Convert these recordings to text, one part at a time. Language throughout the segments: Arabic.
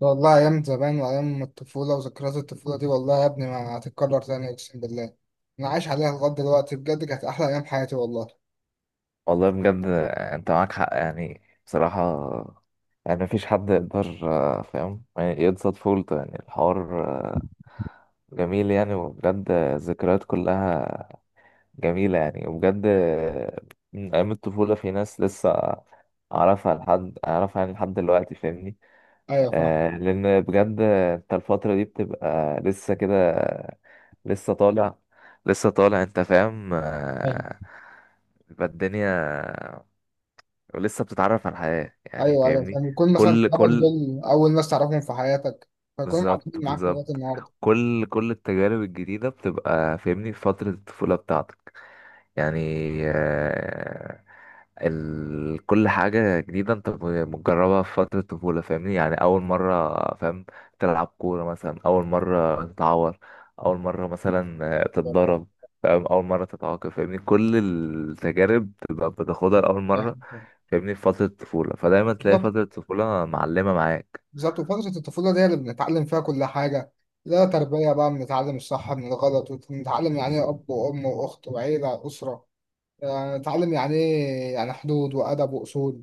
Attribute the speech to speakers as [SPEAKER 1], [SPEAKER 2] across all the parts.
[SPEAKER 1] والله أيام زمان وأيام الطفولة وذكريات الطفولة دي والله يا ابني ما هتتكرر تاني أقسم بالله. أنا عايش عليها لغاية دلوقتي بجد، كانت أحلى أيام حياتي والله.
[SPEAKER 2] والله بجد. انت معاك حق يعني بصراحة. يعني مفيش حد يقدر فاهم يعني يقصد فولته يعني الحوار، جميل يعني. وبجد الذكريات كلها جميلة يعني. وبجد من أيام الطفولة في ناس لسه أعرفها لحد أعرفها يعني لحد دلوقتي فاهمني.
[SPEAKER 1] أيوة، فاهم.
[SPEAKER 2] لأن بجد انت الفترة دي بتبقى لسه كده، لسه طالع، لسه طالع انت فاهم.
[SPEAKER 1] فاهم.
[SPEAKER 2] يبقى الدنيا، ولسه بتتعرف على الحياة يعني
[SPEAKER 1] أيوه أيوه،
[SPEAKER 2] فاهمني.
[SPEAKER 1] فاهم. يكون مثلا
[SPEAKER 2] كل
[SPEAKER 1] صحابك
[SPEAKER 2] كل
[SPEAKER 1] دول أول ناس تعرفهم في حياتك، فيكونوا
[SPEAKER 2] بالظبط،
[SPEAKER 1] قاعدين معاك لغاية
[SPEAKER 2] بالظبط.
[SPEAKER 1] النهاردة.
[SPEAKER 2] كل التجارب الجديدة بتبقى فاهمني في فترة الطفولة بتاعتك يعني. آه، كل حاجة جديدة انت بتجربها في فترة الطفولة فاهمني، يعني أول مرة فاهم تلعب كورة مثلا، أول مرة تتعور، أول مرة مثلا
[SPEAKER 1] فاهم.
[SPEAKER 2] تتضرب، فاهم، أول مرة تتعاقب فاهمني. كل التجارب بتبقى بتاخدها لأول مرة
[SPEAKER 1] فاهم.
[SPEAKER 2] فاهمني في فترة الطفولة، فدايما تلاقي
[SPEAKER 1] بالظبط
[SPEAKER 2] فترة الطفولة معلمة معاك.
[SPEAKER 1] بالظبط، وفترة الطفولة دي اللي بنتعلم فيها كل حاجة، لا تربية بقى، بنتعلم الصح من الغلط، وبنتعلم يعني إيه
[SPEAKER 2] بالظبط،
[SPEAKER 1] أب وأم وأخت وعيلة وأسرة، يعني نتعلم يعني إيه يعني حدود وأدب وأصول.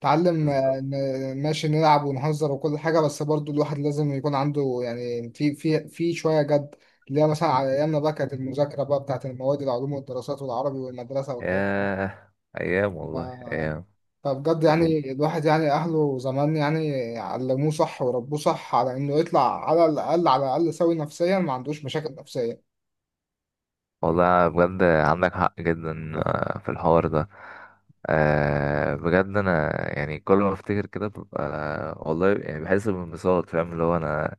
[SPEAKER 1] اتعلم
[SPEAKER 2] بالظبط.
[SPEAKER 1] ماشي، نلعب ونهزر وكل حاجة، بس برضو الواحد لازم يكون عنده يعني في شوية جد، اللي هي مثلا على أيامنا بقى كانت المذاكرة بقى بتاعت المواد، العلوم والدراسات والعربي والمدرسة والكلام ده.
[SPEAKER 2] ياه، أيام
[SPEAKER 1] ف...
[SPEAKER 2] والله أيام.
[SPEAKER 1] فبجد يعني الواحد يعني أهله زمان يعني علموه صح وربوه صح على إنه يطلع على الأقل على الأقل سوي نفسيا، ما عندوش مشاكل نفسية.
[SPEAKER 2] والله بجد عندك حق جدا في الحوار ده. بجد انا يعني كل ما افتكر كده ببقى والله يعني بحس بانبساط، فاهم اللي هو انا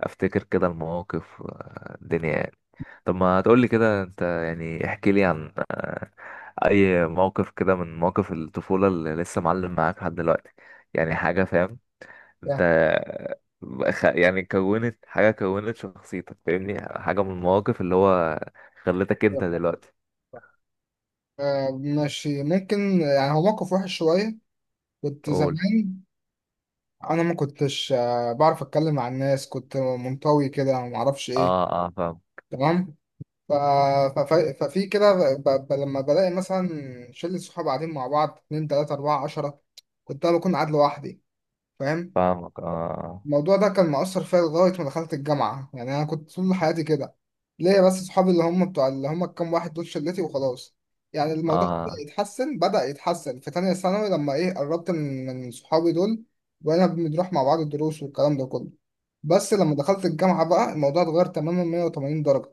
[SPEAKER 2] افتكر كده المواقف الدنيا يعني. طب ما تقولي كده، انت يعني احكي لي عن اي موقف كده من مواقف الطفولة اللي لسه معلم معاك لحد دلوقتي، يعني حاجة فاهم انت،
[SPEAKER 1] ده.
[SPEAKER 2] يعني كونت حاجة، كونت شخصيتك فاهمني، حاجة من المواقف اللي هو خلتك انت
[SPEAKER 1] ده-
[SPEAKER 2] دلوقتي.
[SPEAKER 1] ماشي، ممكن يعني، هو موقف وحش شوية. كنت
[SPEAKER 2] قول.
[SPEAKER 1] زمان انا ما كنتش بعرف اتكلم مع الناس، كنت منطوي كده ما اعرفش ايه.
[SPEAKER 2] اه فاهم.
[SPEAKER 1] تمام. ف... ف... ف... ففي كده ب... لما بلاقي مثلا شلة صحاب قاعدين مع بعض، اتنين تلاتة أربعة عشرة، كنت أنا بكون قاعد لوحدي، فاهم.
[SPEAKER 2] فاهمك، اه.
[SPEAKER 1] الموضوع ده كان مؤثر فيا لغاية ما دخلت الجامعة، يعني أنا كنت طول حياتي كده، ليا بس صحابي اللي هم بتوع اللي هم الكام واحد دول شلتي وخلاص. يعني الموضوع بدأ
[SPEAKER 2] اه
[SPEAKER 1] يتحسن، بدأ يتحسن في تانية ثانوي لما إيه قربت من صحابي دول، وأنا بنروح مع بعض الدروس والكلام ده كله. بس لما دخلت الجامعة بقى الموضوع اتغير تماما 180 درجة.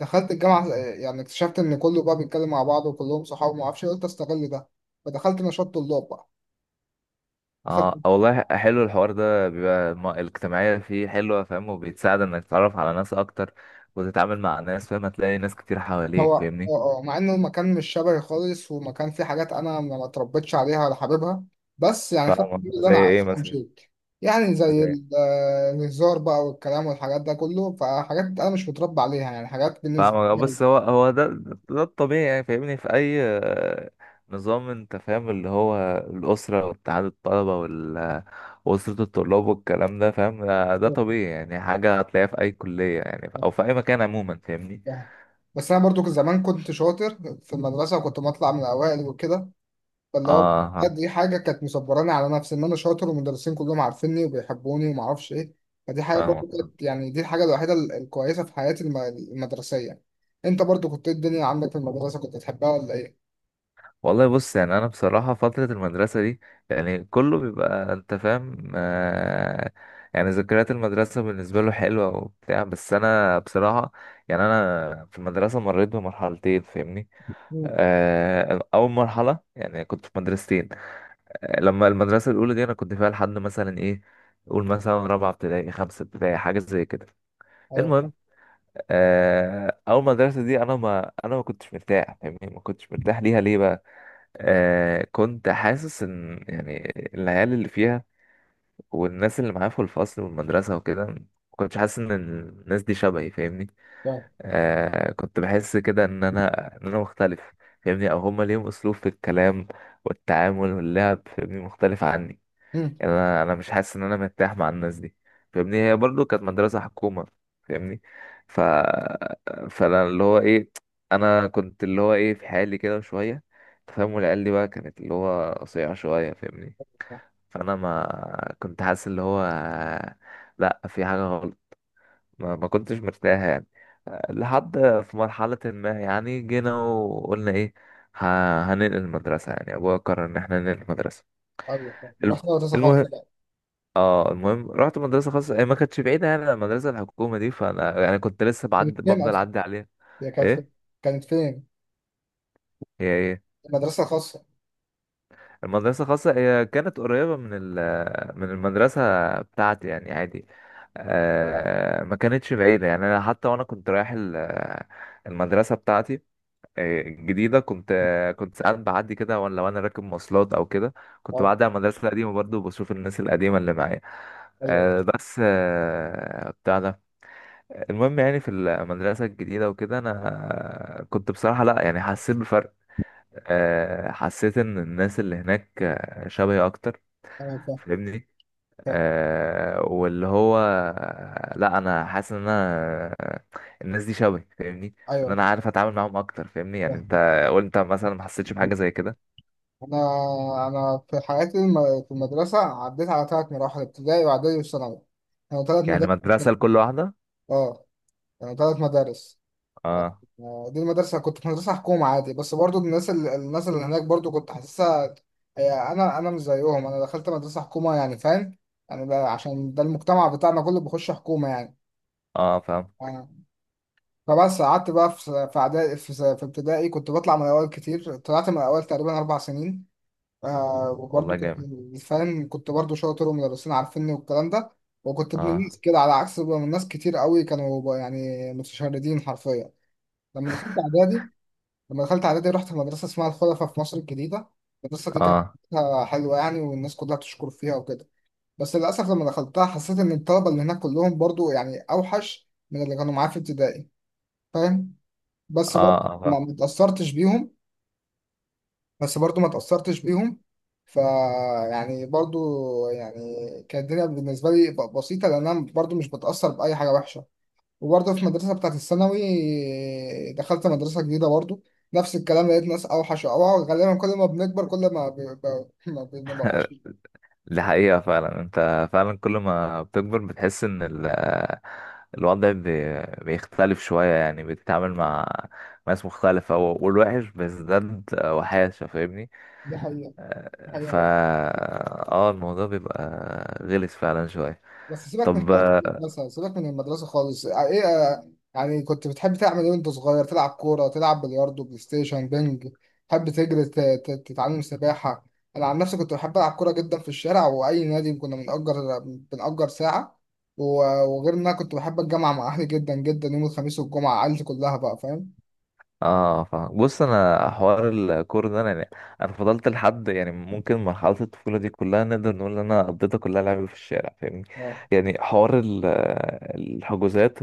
[SPEAKER 1] دخلت الجامعة، يعني اكتشفت إن كله بقى بيتكلم مع بعض وكلهم صحاب ومعرفش إيه، قلت أستغل ده، فدخلت نشاط طلاب بقى. دخلت،
[SPEAKER 2] اه والله حلو الحوار ده بيبقى الاجتماعية فيه حلوة فاهم، وبيتساعد انك تتعرف على ناس اكتر، وتتعامل مع ناس فاهم، هتلاقي ناس كتير حواليك
[SPEAKER 1] هو اه.
[SPEAKER 2] فاهمني.
[SPEAKER 1] اه، مع انه مكان مش شبهي خالص، ومكان فيه حاجات انا ما اتربيتش عليها ولا حاببها، بس يعني خدت
[SPEAKER 2] فاهمك،
[SPEAKER 1] كل اللي
[SPEAKER 2] زي
[SPEAKER 1] انا
[SPEAKER 2] ايه
[SPEAKER 1] عايزه
[SPEAKER 2] مثلا؟
[SPEAKER 1] ومشيت. يعني زي
[SPEAKER 2] زي
[SPEAKER 1] الهزار بقى والكلام والحاجات ده كله، فحاجات انا مش متربى عليها، يعني حاجات بالنسبه
[SPEAKER 2] فاهم،
[SPEAKER 1] لي.
[SPEAKER 2] بس هو ده، ده الطبيعي يعني فاهمني. في اي نظام انت فاهم، اللي هو الاسره واتحاد الطلبه واسره الطلاب والكلام ده فاهم. ده طبيعي يعني، حاجه هتلاقيها في اي كليه يعني، او في اي مكان عموما فاهمني.
[SPEAKER 1] بس انا برضو زمان كنت شاطر في المدرسه، وكنت بطلع من الاوائل وكده، فاللي هو
[SPEAKER 2] اه،
[SPEAKER 1] بجد دي حاجه كانت مصبراني على نفسي ان انا شاطر، والمدرسين كلهم عارفيني وبيحبوني وما اعرفش ايه، فدي حاجه برضو
[SPEAKER 2] فاهمك.
[SPEAKER 1] كانت يعني دي الحاجه الوحيده ال- الكويسه في حياتي الم- المدرسيه. انت برضو كنت إيه الدنيا عندك في المدرسه، كنت تحبها ولا ايه؟
[SPEAKER 2] والله بص، يعني انا بصراحه فتره المدرسه دي، يعني كله بيبقى انت فاهم، آه يعني ذكريات المدرسه بالنسبه له حلوه وبتاع. بس انا بصراحه يعني انا في المدرسه مريت بمرحلتين فاهمني.
[SPEAKER 1] مم.
[SPEAKER 2] أول مرحلة يعني كنت في مدرستين. لما المدرسة الأولى دي أنا كنت فيها لحد مثلا إيه، قول مثلا رابعة ابتدائي، خمسة ابتدائي، حاجة زي كده.
[SPEAKER 1] ايوه، فاهم.
[SPEAKER 2] المهم، أول مدرسة دي أنا ما كنتش مرتاح فاهمني، ما كنتش مرتاح ليها. ليه بقى؟ كنت حاسس إن يعني العيال اللي فيها والناس اللي معايا في الفصل والمدرسة وكده ما كنتش حاسس إن الناس دي شبهي فاهمني.
[SPEAKER 1] فاهم.
[SPEAKER 2] آه، كنت بحس كده ان انا مختلف فاهمني، او هما ليهم اسلوب في الكلام والتعامل واللعب فاهمني، مختلف عني.
[SPEAKER 1] مم.
[SPEAKER 2] يعني انا مش حاسس ان انا مرتاح مع الناس دي فاهمني. هي برضو كانت مدرسة حكومة فاهمني. ف فانا اللي هو ايه، انا كنت اللي هو ايه في حالي كده شوية تفهم، والعيال دي بقى كانت اللي هو قصيرة شوية فاهمني.
[SPEAKER 1] فاهم.
[SPEAKER 2] فانا ما كنت حاسس اللي هو لا في حاجة غلط، ما كنتش مرتاح يعني. لحد في مرحلة ما، يعني جينا وقلنا ايه، هننقل المدرسة. يعني ابويا قرر ان احنا ننقل المدرسة.
[SPEAKER 1] ايوه، فاهم.
[SPEAKER 2] الم-
[SPEAKER 1] رحت مدرسه
[SPEAKER 2] المهم.
[SPEAKER 1] خاصه بقى.
[SPEAKER 2] اه المهم، رحت مدرسة خاصة، هي ما كانتش بعيدة يعني عن المدرسة الحكومة دي. فانا يعني كنت لسه بعد
[SPEAKER 1] كانت فين
[SPEAKER 2] بفضل
[SPEAKER 1] اصلا؟
[SPEAKER 2] اعدي عليها.
[SPEAKER 1] هي كانت
[SPEAKER 2] ايه؟
[SPEAKER 1] فين؟ كانت فين؟
[SPEAKER 2] هي ايه؟
[SPEAKER 1] المدرسه الخاصه.
[SPEAKER 2] المدرسة الخاصة هي كانت قريبة من المدرسة بتاعتي يعني عادي. آه ما كانتش بعيدة يعني. انا حتى وانا كنت رايح المدرسة بتاعتي جديدة كنت ساعات بعدي كده، وانا لو انا راكب مواصلات او كده، كنت
[SPEAKER 1] اه،
[SPEAKER 2] بعدي على المدرسة القديمة برضه، وبشوف الناس القديمة اللي معايا.
[SPEAKER 1] ايوه
[SPEAKER 2] بس بتاع ده. المهم يعني في المدرسة الجديدة وكده، انا كنت بصراحة لا يعني حسيت بفرق. حسيت ان الناس اللي هناك شبهي اكتر
[SPEAKER 1] ايوه، فاهم.
[SPEAKER 2] فاهمني.
[SPEAKER 1] فاهم.
[SPEAKER 2] واللي هو لا، انا حاسس ان انا الناس دي شبهي فاهمني، ان
[SPEAKER 1] ايوه،
[SPEAKER 2] انا عارف اتعامل معاهم اكتر فاهمني. يعني انت
[SPEAKER 1] فاهم.
[SPEAKER 2] قلت مثلا ما حسيتش بحاجه زي كده.
[SPEAKER 1] انا انا في حياتي في المدرسه عديت على ثلاث مراحل، ابتدائي واعدادي وثانوي، كانوا ثلاث
[SPEAKER 2] يعني
[SPEAKER 1] مدارس.
[SPEAKER 2] مدرسه لكل واحده.
[SPEAKER 1] اه، كانوا ثلاث مدارس.
[SPEAKER 2] اه
[SPEAKER 1] آه، دي المدرسه كنت في مدرسه حكومه عادي، بس برضو الناس ال- الناس اللي هناك برضو كنت حاسسها، هي انا مش زيهم، انا دخلت مدرسه حكومه يعني فاهم، يعني بقى عشان ده المجتمع بتاعنا كله بيخش حكومه يعني.
[SPEAKER 2] اه فاهم.
[SPEAKER 1] آه. فبس قعدت بقى في في اعدادي، في ابتدائي كنت بطلع من الاول كتير، طلعت من الاول تقريبا اربع سنين. آه
[SPEAKER 2] والله
[SPEAKER 1] وبرضه كنت
[SPEAKER 2] جامد.
[SPEAKER 1] فاهم، كنت برضه شاطر ومدرسين عارفيني والكلام ده، وكنت ابن
[SPEAKER 2] اه.
[SPEAKER 1] الناس كده، على عكس بقى من ناس كتير قوي كانوا بقى يعني متشردين حرفيا. لما دخلت اعدادي، لما دخلت اعدادي رحت مدرسه اسمها الخلفاء في مصر الجديده. المدرسه دي كانت
[SPEAKER 2] اه.
[SPEAKER 1] فيها حلوه يعني، والناس كلها بتشكر فيها وكده، بس للاسف لما دخلتها حسيت ان الطلبه اللي هناك كلهم برضه يعني اوحش من اللي كانوا معايا في ابتدائي، فاهم. بس
[SPEAKER 2] اه
[SPEAKER 1] برضه
[SPEAKER 2] اه فاهم.
[SPEAKER 1] ما اتأثرتش بيهم، بس برضو ما تأثرتش بيهم، ف يعني برضو، يعني كانت الدنيا بالنسبة لي بسيطة، لأن أنا برضو مش بتأثر بأي حاجة وحشة. وبرضو في المدرسة بتاعت الثانوي دخلت مدرسة جديدة برضو، نفس الكلام، لقيت ناس أوحش وأوعى، غالبا كل ما بنكبر كل ما ما بنبقى وحشين.
[SPEAKER 2] دي حقيقه فعلا، انت فعلا كل ما بتكبر بتحس ان الوضع بيختلف شويه يعني، بتتعامل مع ناس مختلفه، والوحش بيزداد وحاشه فاهمني.
[SPEAKER 1] دي حقيقة دي حقيقة والله.
[SPEAKER 2] فا اه، الموضوع بيبقى غلس فعلا شوية.
[SPEAKER 1] بس سيبك من
[SPEAKER 2] طب.
[SPEAKER 1] حوارات المدرسة، سيبك من المدرسة خالص إيه، يعني كنت بتحب تعمل ايه وانت صغير؟ تلعب كورة، تلعب بلياردو، بلاي ستيشن، بينج، تحب تجري تتعلم سباحة؟ انا عن نفسي كنت بحب العب كورة جدا في الشارع، واي نادي كنا بنأجر ساعة، وغير ان انا كنت بحب الجامعة مع اهلي جدا جدا، يوم الخميس والجمعة عيلتي كلها بقى فاهم.
[SPEAKER 2] اه فاهم. بص انا حوار الكورة ده، انا يعني انا فضلت لحد يعني ممكن مرحلة الطفولة دي كلها نقدر نقول ان انا قضيتها كلها لعب في الشارع فاهمني.
[SPEAKER 1] اه
[SPEAKER 2] يعني حوار الحجوزات،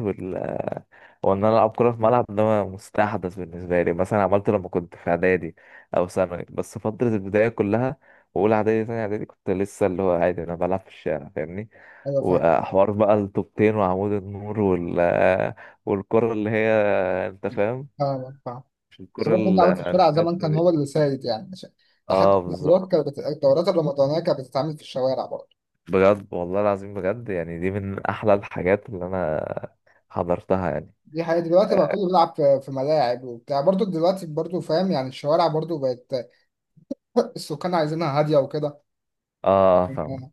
[SPEAKER 2] هو ان انا العب كوره في ملعب، ده مستحدث بالنسبه لي، مثلا عملته لما كنت في اعدادي او ثانوي. بس فتره البدايه كلها، واولى اعدادي، ثانيه اعدادي، كنت لسه اللي هو عادي انا بلعب في الشارع فاهمني.
[SPEAKER 1] ايوه، فاهم.
[SPEAKER 2] وحوار بقى الطوبتين وعمود النور والكره اللي هي انت فاهم،
[SPEAKER 1] فاهم فاهم.
[SPEAKER 2] مش
[SPEAKER 1] بس
[SPEAKER 2] الكره
[SPEAKER 1] برضه اللعب في الشارع زمان
[SPEAKER 2] المكاسه
[SPEAKER 1] كان
[SPEAKER 2] دي.
[SPEAKER 1] هو اللي سائد يعني لحد
[SPEAKER 2] اه بالظبط.
[SPEAKER 1] الدورات كانت الدورات الرمضانية كانت بتتعمل في الشوارع برضه.
[SPEAKER 2] بجد والله العظيم، بجد يعني دي من احلى الحاجات اللي انا حضرتها يعني.
[SPEAKER 1] دي حقيقة، دلوقتي بقى كله بيلعب في ملاعب وبتاع برضو، دلوقتي برضو فاهم، يعني الشوارع برضو بقت السكان عايزينها هادية وكده،
[SPEAKER 2] اه فاهم.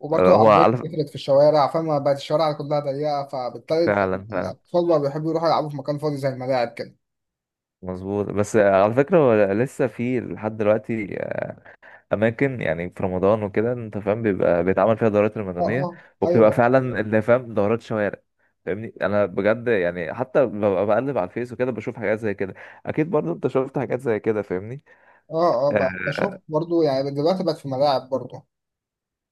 [SPEAKER 1] وبرضو
[SPEAKER 2] هو
[SPEAKER 1] العربيات
[SPEAKER 2] على
[SPEAKER 1] كترت في الشوارع فما بقت الشوارع كلها ضيقة، فبالتالي
[SPEAKER 2] فعلا، فعلا،
[SPEAKER 1] الأطفال بقى بيحبوا يروحوا يلعبوا في مكان فاضي زي الملاعب كده.
[SPEAKER 2] مظبوط. بس على فكرة هو لسه في لحد دلوقتي أماكن، يعني في رمضان وكده أنت فاهم، بيبقى بيتعمل فيها دورات
[SPEAKER 1] اه
[SPEAKER 2] رمضانية،
[SPEAKER 1] اه،
[SPEAKER 2] وبتبقى
[SPEAKER 1] ايوه.
[SPEAKER 2] فعلا اللي فاهم دورات شوارع فاهمني. أنا بجد يعني حتى ببقى بقلب على الفيس وكده بشوف حاجات زي كده. أكيد برضه أنت شفت حاجات زي كده فاهمني.
[SPEAKER 1] اه اه،
[SPEAKER 2] آه،
[SPEAKER 1] بقى بشوف برضو يعني دلوقتي بقت في ملاعب برضو.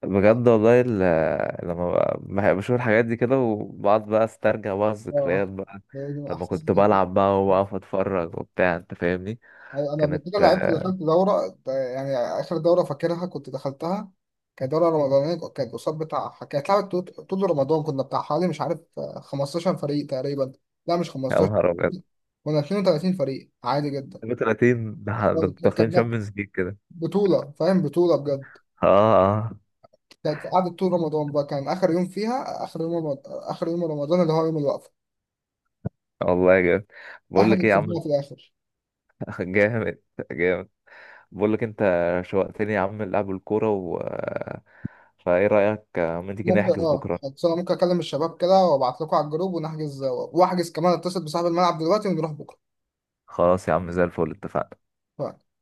[SPEAKER 2] بجد والله لما بشوف الحاجات دي كده، وبقعد بقى أسترجع بقى
[SPEAKER 1] اه،
[SPEAKER 2] الذكريات بقى،
[SPEAKER 1] ده
[SPEAKER 2] لما
[SPEAKER 1] احساس
[SPEAKER 2] كنت
[SPEAKER 1] جديد.
[SPEAKER 2] بلعب بقى وأقف أتفرج وبتاع أنت فاهمني.
[SPEAKER 1] أيوة، انا قبل
[SPEAKER 2] كانت
[SPEAKER 1] كده لعبت دخلت دوره يعني، اخر دوره فاكرها كنت دخلتها، كانت دوره رمضانيه، كانت قصاد بتاع، كانت لعبت طول طول رمضان، كنا بتاع حوالي مش عارف 15 فريق تقريبا، لا مش
[SPEAKER 2] يا
[SPEAKER 1] 15،
[SPEAKER 2] نهار أبيض!
[SPEAKER 1] كنا 32 فريق عادي جدا.
[SPEAKER 2] 32 ده انتوا
[SPEAKER 1] آه،
[SPEAKER 2] داخلين
[SPEAKER 1] كانت
[SPEAKER 2] شامبيونز ليج كده!
[SPEAKER 1] بطوله فاهم، بطوله بجد.
[SPEAKER 2] اه، اه،
[SPEAKER 1] كانت قعدت طول رمضان بقى، كان اخر يوم فيها اخر يوم رمضان، اخر يوم رمضان اللي هو يوم الوقفه.
[SPEAKER 2] والله جامد. بقول
[SPEAKER 1] احنا
[SPEAKER 2] لك
[SPEAKER 1] اللي
[SPEAKER 2] ايه يا
[SPEAKER 1] كسبناها
[SPEAKER 2] عم،
[SPEAKER 1] في الاخر.
[SPEAKER 2] جامد جامد. بقول لك انت شوقتني يا عم لعب الكوره. و فايه رايك ما تيجي
[SPEAKER 1] ممكن
[SPEAKER 2] نحجز
[SPEAKER 1] اه،
[SPEAKER 2] بكره؟
[SPEAKER 1] خلاص، انا ممكن اكلم الشباب كده وابعت لكم على الجروب ونحجز، واحجز كمان اتصل بصاحب الملعب دلوقتي، ونروح بكره.
[SPEAKER 2] خلاص يا عم زي الفل، اتفقنا.
[SPEAKER 1] ف-